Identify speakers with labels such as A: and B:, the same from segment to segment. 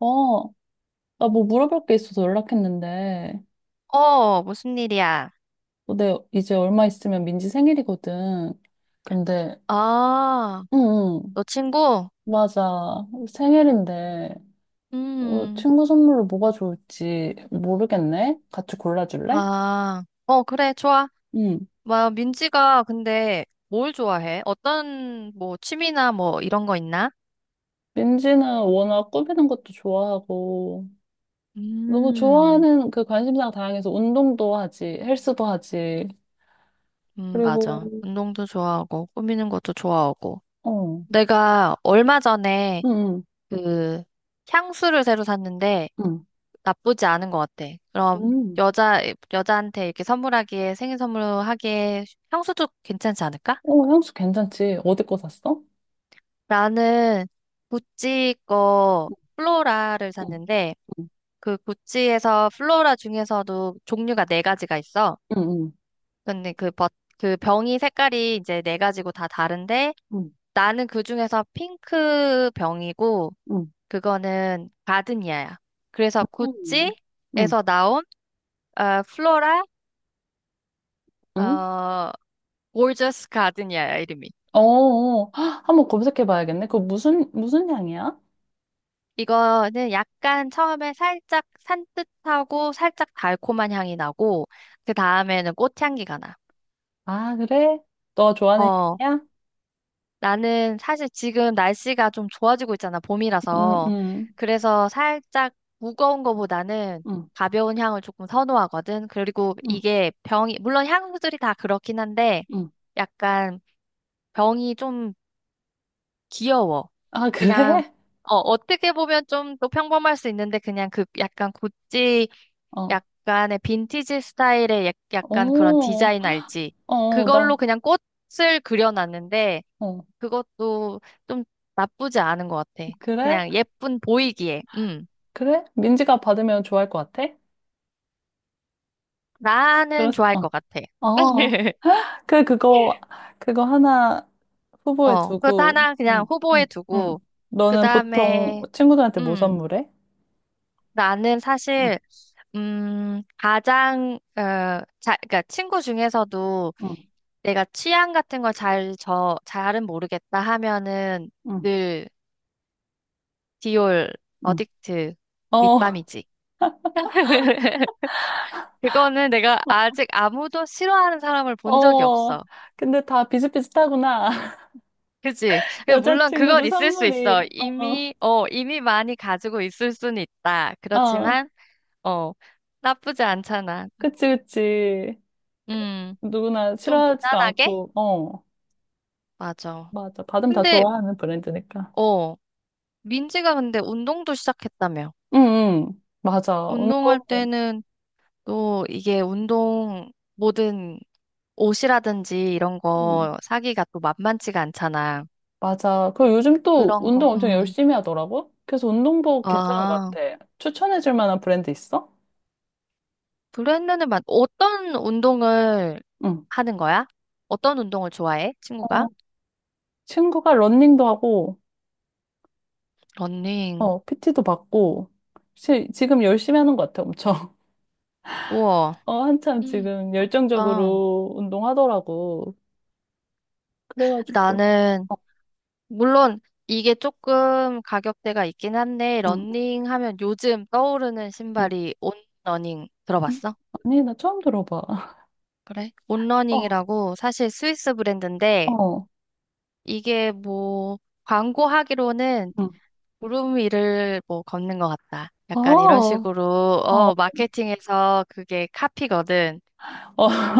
A: 어, 나 뭐 물어볼 게 있어서 연락했는데,
B: 어, 무슨 일이야?
A: 어, 내 이제 얼마 있으면 민지 생일이거든. 근데,
B: 아,
A: 응, 응,
B: 너 친구?
A: 맞아. 생일인데, 어,
B: 음,
A: 친구 선물로 뭐가 좋을지 모르겠네? 같이 골라줄래?
B: 아, 어, 그래, 좋아.
A: 응.
B: 뭐, 민지가 근데 뭘 좋아해? 어떤, 뭐, 취미나 뭐, 이런 거 있나?
A: 민지는 워낙 꾸미는 것도 좋아하고, 너무
B: 음,
A: 좋아하는 그 관심사가 다양해서 운동도 하지, 헬스도 하지, 그리고,
B: 맞아. 운동도 좋아하고, 꾸미는 것도 좋아하고.
A: 어,
B: 내가 얼마 전에
A: 응, 응,
B: 그, 향수를 새로 샀는데,
A: 응.
B: 나쁘지 않은 것 같아. 그럼,
A: 음.
B: 여자한테 이렇게 선물하기에, 생일 선물하기에, 향수도 괜찮지 않을까?
A: 어, 향수 괜찮지? 어디 거 샀어?
B: 나는 구찌 거 플로라를
A: 응.
B: 샀는데 그 구찌에서 플로라 중에서도 종류가 네 가지가 있어.
A: 응,
B: 근데 그 버, 그 병이 색깔이 이제 4가지고 다 다른데
A: 응,
B: 나는 그 중에서 핑크 병이고
A: 응,
B: 그거는 가드니아야. 그래서
A: 응 응,
B: 구찌에서 나온 어, 플로라
A: 응.
B: 어 골저스 가드니아야 이름이.
A: 어, 어. 한번 검색해 봐야겠네. 그거 무슨 향이야?
B: 이거는 약간 처음에 살짝 산뜻하고 살짝 달콤한 향이 나고, 그 다음에는 꽃향기가 나.
A: 아, 그래? 너 좋아하는
B: 어,
A: 향이야?
B: 나는 사실 지금 날씨가 좀 좋아지고 있잖아,
A: 응,
B: 봄이라서.
A: 응,
B: 그래서 살짝 무거운 거보다는
A: 응,
B: 가벼운 향을 조금 선호하거든. 그리고
A: 응,
B: 이게 병이, 물론 향들이 다 그렇긴 한데,
A: 응.
B: 약간 병이 좀 귀여워.
A: 아,
B: 그냥,
A: 그래?
B: 어, 어떻게 보면 좀 더 평범할 수 있는데, 그냥 그 약간 구찌,
A: 어,
B: 약간의 빈티지 스타일의 약간 그런
A: 오,
B: 디자인 알지?
A: 어, 어,
B: 그걸로
A: 나,
B: 그냥 꽃을 그려놨는데,
A: 어,
B: 그것도 좀 나쁘지 않은 것 같아.
A: 그래?
B: 그냥 예쁜 보이기에,
A: 그래? 민지가 받으면 좋아할 것 같아?
B: 나는 좋아할 것 같아.
A: 어, 어. 그, 그거, 그거 하나 후보에
B: 어, 그것
A: 두고,
B: 하나
A: 응,
B: 그냥
A: 응,
B: 후보에 두고,
A: 응.
B: 그
A: 너는 보통
B: 다음에,
A: 친구들한테 뭐 선물해?
B: 나는
A: 응,
B: 사실 음, 가장, 어, 그러니까 친구 중에서도
A: 응,
B: 내가 취향 같은 걸 잘은 모르겠다 하면은
A: 응.
B: 늘 디올
A: 응.
B: 어딕트
A: 어,
B: 립밤이지. 그거는 내가 아직 아무도 싫어하는 사람을 본 적이
A: 어.
B: 없어.
A: 근데 다 비슷비슷하구나.
B: 그치? 물론 그건
A: 여자친구들
B: 있을 수
A: 선물이.
B: 있어. 이미 많이 가지고 있을 수는 있다.
A: 어, 어.
B: 그렇지만, 어, 나쁘지 않잖아.
A: 그치, 그치. 그,
B: 음,
A: 누구나
B: 좀
A: 싫어하지도
B: 무난하게?
A: 않고, 어.
B: 맞아.
A: 맞아. 받으면 다
B: 근데,
A: 좋아하는 브랜드니까.
B: 어, 민지가 근데 운동도 시작했다며.
A: 응, 응. 맞아.
B: 운동할
A: 운동,
B: 때는 또 이게 운동, 모든 옷이라든지 이런
A: 응.
B: 거 사기가 또 만만치가 않잖아.
A: 맞아. 그리고 요즘 또
B: 그런 거,
A: 운동 엄청 열심히 하더라고? 그래서 운동복 괜찮은 것
B: 아,
A: 같아. 추천해줄 만한 브랜드 있어?
B: 브랜드는 맞, 어떤 운동을
A: 응.
B: 하는 거야? 어떤 운동을 좋아해, 친구가?
A: 어, 친구가 러닝도 하고,
B: 러닝.
A: 어, PT도 받고, 지금 열심히 하는 것 같아, 엄청.
B: 우와.
A: 어, 한참
B: 음.
A: 지금
B: 나-
A: 열정적으로 운동하더라고. 그래가지고,
B: 나는
A: 어,
B: 물론 이게 조금 가격대가 있긴 한데
A: 응,
B: 러닝 하면 요즘 떠오르는
A: 응,
B: 신발이 온러닝
A: 응.
B: 들어봤어?
A: 아니, 나 처음 들어봐.
B: 그래?
A: 어,
B: 온러닝이라고 사실 스위스 브랜드인데
A: 어,
B: 이게 뭐 광고하기로는
A: 응,
B: 구름 위를 뭐 걷는 것 같다.
A: 어,
B: 약간 이런
A: 어,
B: 식으로
A: 어,
B: 어 마케팅에서 그게 카피거든.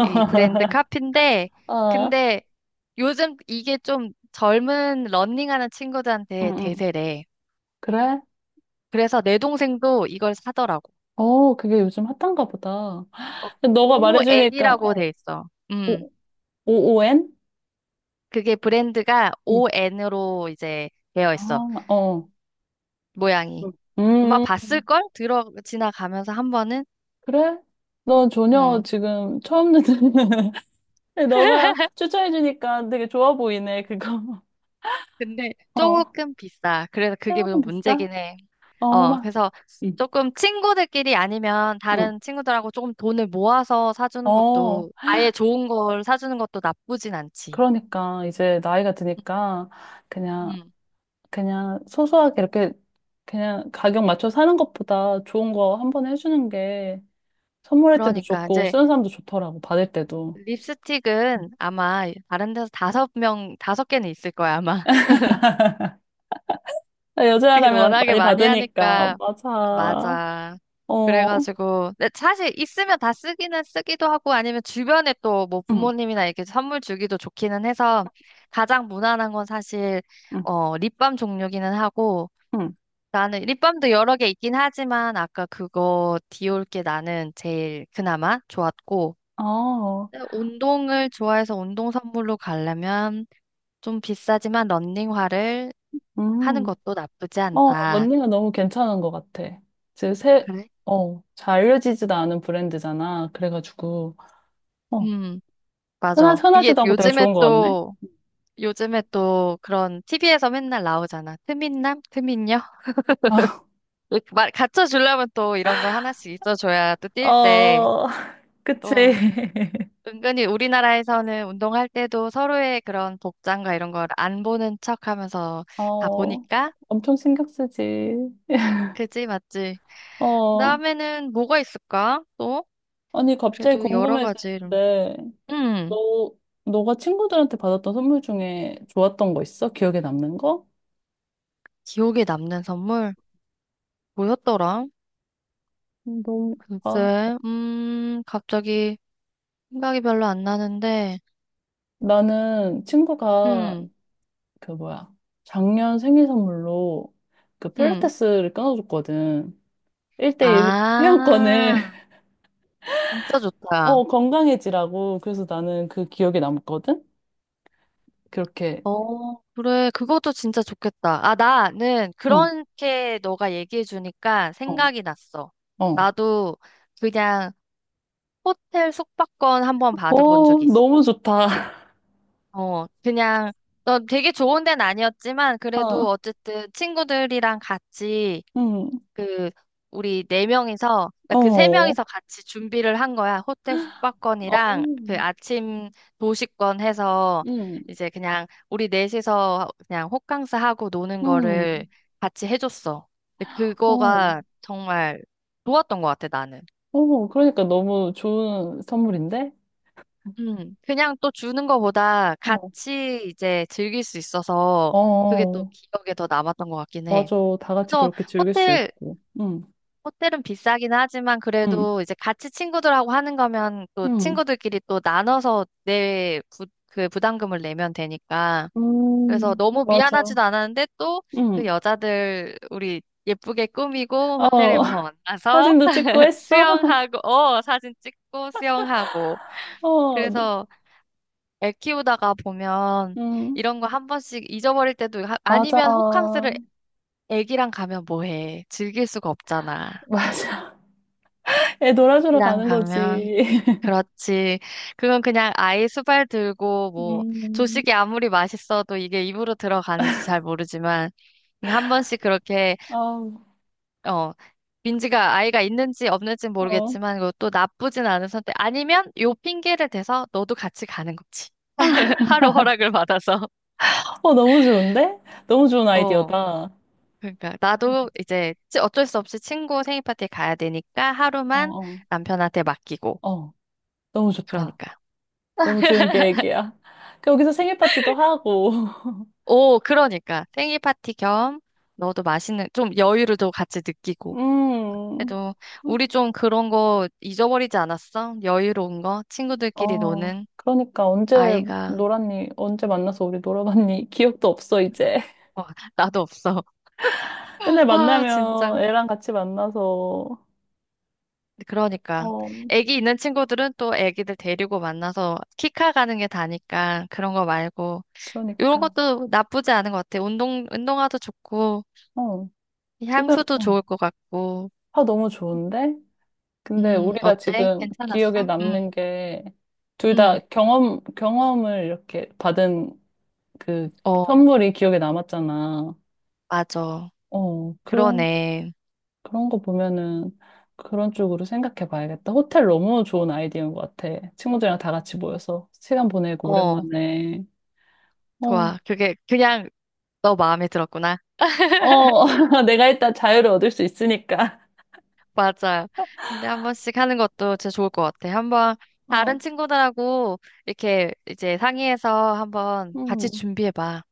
B: 이 브랜드 카피인데
A: 아,
B: 근데 요즘 이게 좀 젊은 러닝하는
A: 응,
B: 친구들한테
A: 응.
B: 대세래.
A: 그래?
B: 그래서 내 동생도 이걸 사더라고.
A: 어, 그게 요즘 핫한가 보다.
B: 어,
A: 너가 말해주니까,
B: ON이라고
A: 어,
B: 돼 있어.
A: 오, OON?
B: 그게 브랜드가
A: 응,
B: ON으로 이제 되어 있어.
A: 아, 어.
B: 모양이.
A: 응.
B: 아마
A: 음,
B: 봤을걸? 들어, 지나가면서 한 번은?
A: 그래? 너 전혀
B: 음.
A: 지금 처음 듣는 근데 너가 추천해주니까 되게 좋아 보이네, 그거.
B: 근데
A: 어,
B: 조금 비싸. 그래서 그게
A: 조금
B: 좀
A: 비싸?
B: 문제긴 해.
A: 어,
B: 어,
A: 막,
B: 그래서
A: 응,
B: 조금 친구들끼리 아니면
A: 응.
B: 다른 친구들하고 조금 돈을 모아서 사주는
A: 어,
B: 것도 아예 좋은 걸 사주는 것도 나쁘진 않지.
A: 그러니까 이제 나이가 드니까 그냥,
B: 음.
A: 그냥 소소하게 이렇게 그냥 가격 맞춰 사는 것보다 좋은 거 한 번에 해주는 게 선물할 때도
B: 그러니까
A: 좋고
B: 이제
A: 쓰는 사람도 좋더라고, 받을 때도. 응.
B: 립스틱은 아마 다른 데서 5개는 있을 거야, 아마. 이게
A: 여자라면
B: 워낙에
A: 많이
B: 많이
A: 받으니까,
B: 하니까,
A: 맞아.
B: 맞아.
A: 어,
B: 그래가지고, 근데 사실 있으면 다 쓰기는 쓰기도 하고, 아니면 주변에 또 뭐
A: 응,
B: 부모님이나 이렇게 선물 주기도 좋기는 해서, 가장 무난한 건 사실,
A: 응,
B: 어, 립밤 종류기는 하고,
A: 응.
B: 나는 립밤도 여러 개 있긴 하지만, 아까 그거 디올 게 나는 제일 그나마 좋았고,
A: 어,
B: 근데 운동을 좋아해서 운동 선물로 가려면, 좀 비싸지만 런닝화를 하는
A: 음.
B: 것도 나쁘지
A: 어,
B: 않다.
A: 런닝은 너무 괜찮은 것 같아. 지금 새,
B: 그래?
A: 어, 잘 알려지지도 않은 브랜드잖아. 그래가지고, 어,
B: 음, 맞아. 이게
A: 흔하지도 않고 되게
B: 요즘에
A: 좋은 것 같네.
B: 또, 요즘에 또 그런 TV에서 맨날 나오잖아. 트민남? 트민녀? 말, 갖춰주려면 또 이런 거 하나씩 있어줘야 또 뛸 때,
A: 어, 그치.
B: 또, 은근히 우리나라에서는 운동할 때도 서로의 그런 복장과 이런 걸 안 보는 척 하면서 다
A: 어,
B: 보니까?
A: 엄청 신경 쓰지.
B: 그지, 맞지?
A: 어,
B: 그다음에는 뭐가 있을까? 또?
A: 아니, 갑자기
B: 그래도 여러 가지.
A: 궁금해지는데,
B: 음.
A: 너, 너가 친구들한테 받았던 선물 중에 좋았던 거 있어? 기억에 남는 거?
B: 기억에 남는 선물? 뭐였더라?
A: 음, 너무, 아,
B: 글쎄, 갑자기 생각이 별로 안 나는데,
A: 나는 친구가
B: 음,
A: 그 뭐야 작년 생일 선물로 그
B: 음.
A: 필라테스를 끊어줬거든. 1대1 회원권을
B: 아, 진짜 좋다.
A: 어 건강해지라고 그래서 나는 그 기억에 남거든. 그렇게
B: 어, 그래. 그것도 진짜 좋겠다. 아, 나는
A: 응,
B: 그렇게 너가 얘기해 주니까
A: 어,
B: 생각이 났어.
A: 어,
B: 나도 그냥 호텔 숙박권 한번 받아본
A: 어
B: 적이 있어.
A: 너무 좋다.
B: 어, 그냥, 어, 되게 좋은 데는 아니었지만, 그래도
A: 어,
B: 어쨌든 친구들이랑 같이
A: 응,
B: 그 우리 4명이서 그러니까
A: 어,
B: 그세
A: 어,
B: 명이서 같이 준비를 한 거야. 호텔 숙박권이랑 그 아침 도시권 해서
A: 응,
B: 이제 그냥 우리 넷이서 그냥 호캉스 하고 노는
A: 응,
B: 거를 같이 해줬어. 근데
A: 어,
B: 그거가 정말 좋았던 것 같아, 나는.
A: 어 그러니까 너무 좋은 선물인데.
B: 그냥 또 주는 거보다
A: 어,
B: 같이 이제 즐길 수 있어서
A: 어,
B: 그게 또
A: 어.
B: 기억에 더 남았던 것 같긴 해.
A: 맞아. 다 같이
B: 그래서
A: 그렇게 즐길 수
B: 호텔
A: 있고. 응,
B: 호텔은 비싸긴 하지만
A: 응,
B: 그래도 이제 같이 친구들하고 하는 거면 또
A: 응.
B: 친구들끼리 또 나눠서 그 부담금을 내면 되니까. 그래서 너무
A: 맞아.
B: 미안하지도 않았는데 또 그
A: 응.
B: 여자들 우리 예쁘게 꾸미고
A: 어,
B: 호텔에 가서 만나서
A: 사진도 찍고 했어?
B: 수영하고, 어, 사진 찍고 수영하고.
A: 어, 너-
B: 그래서 애 키우다가 보면
A: 음,
B: 이런 거 한 번씩 잊어버릴 때도
A: 맞아.
B: 아니면 호캉스를 애기랑 가면 뭐 해? 즐길 수가 없잖아.
A: 맞아. 애 놀아주러
B: 애기랑
A: 가는
B: 가면
A: 거지.
B: 그렇지. 그건 그냥 아이 수발 들고 뭐
A: 음,
B: 조식이 아무리 맛있어도 이게 입으로 들어가는지 잘 모르지만 그냥 한 번씩 그렇게
A: 아우,
B: 어 민지가 아이가 있는지 없는지
A: 어.
B: 모르겠지만 그것도 나쁘진 않은 선택. 아니면 요 핑계를 대서 너도 같이 가는 거지. 하루 허락을 받아서.
A: 어, 너무 좋은데? 너무 좋은
B: 어,
A: 아이디어다.
B: 그러니까 나도 이제 어쩔 수 없이 친구 생일 파티에 가야 되니까
A: 어,
B: 하루만
A: 어,
B: 남편한테 맡기고.
A: 어. 너무 좋다.
B: 그러니까.
A: 너무 좋은 계획이야. 그 여기서 생일 파티도 하고.
B: 오, 그러니까 생일 파티 겸 너도 맛있는 좀 여유를 또 같이 느끼고.
A: 음,
B: 그래도 우리 좀 그런 거 잊어버리지 않았어? 여유로운 거 친구들끼리
A: 어.
B: 노는
A: 그러니까 언제
B: 아이가
A: 놀았니? 언제 만나서 우리 놀아봤니? 기억도 없어, 이제.
B: 어, 나도 없어.
A: 맨날
B: 와,
A: 만나면
B: 진짜.
A: 애랑 같이 만나서,
B: 그러니까
A: 어,
B: 애기 있는 친구들은 또 애기들 데리고 만나서 키카 가는 게 다니까 그런 거 말고 이런
A: 그러니까.
B: 것도 나쁘지 않은 것 같아. 운동화도 좋고
A: 어, 지금,
B: 향수도
A: 어,
B: 좋을 것 같고.
A: 화 너무 좋은데? 근데 우리가
B: 어때?
A: 지금
B: 괜찮았어?
A: 기억에 남는 게, 둘 다
B: 음.
A: 경험을 이렇게 받은 그
B: 어.
A: 선물이 기억에 남았잖아.
B: 맞아.
A: 어, 그런,
B: 그러네.
A: 그런 거 보면은 그런 쪽으로 생각해 봐야겠다. 호텔 너무 좋은 아이디어인 것 같아. 친구들이랑 다 같이 모여서 시간 보내고
B: 어,
A: 오랜만에. 어,
B: 좋아. 그게 그냥 너 마음에 들었구나.
A: 어, 내가 일단 자유를 얻을 수 있으니까.
B: 맞아. 근데 한 번씩 하는 것도 진짜 좋을 것 같아. 한 번
A: 어,
B: 다른 친구들하고 이렇게 이제 상의해서 한번 같이
A: 음.
B: 준비해봐.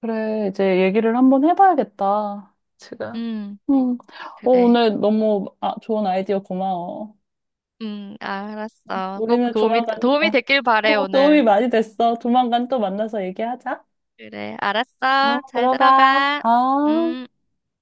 A: 그래, 이제 얘기를 한번 해봐야겠다. 제가.
B: 음,
A: 음. 어,
B: 그래.
A: 오늘 너무 아, 좋은 아이디어 고마워.
B: 알았어. 꼭
A: 우리는 조만간,
B: 도움이
A: 어,
B: 됐길 바래,
A: 어, 도움이
B: 오늘.
A: 많이 됐어. 조만간 또 만나서 얘기하자.
B: 그래,
A: 응,
B: 알았어. 잘
A: 들어가.
B: 들어가.
A: 어.
B: 음.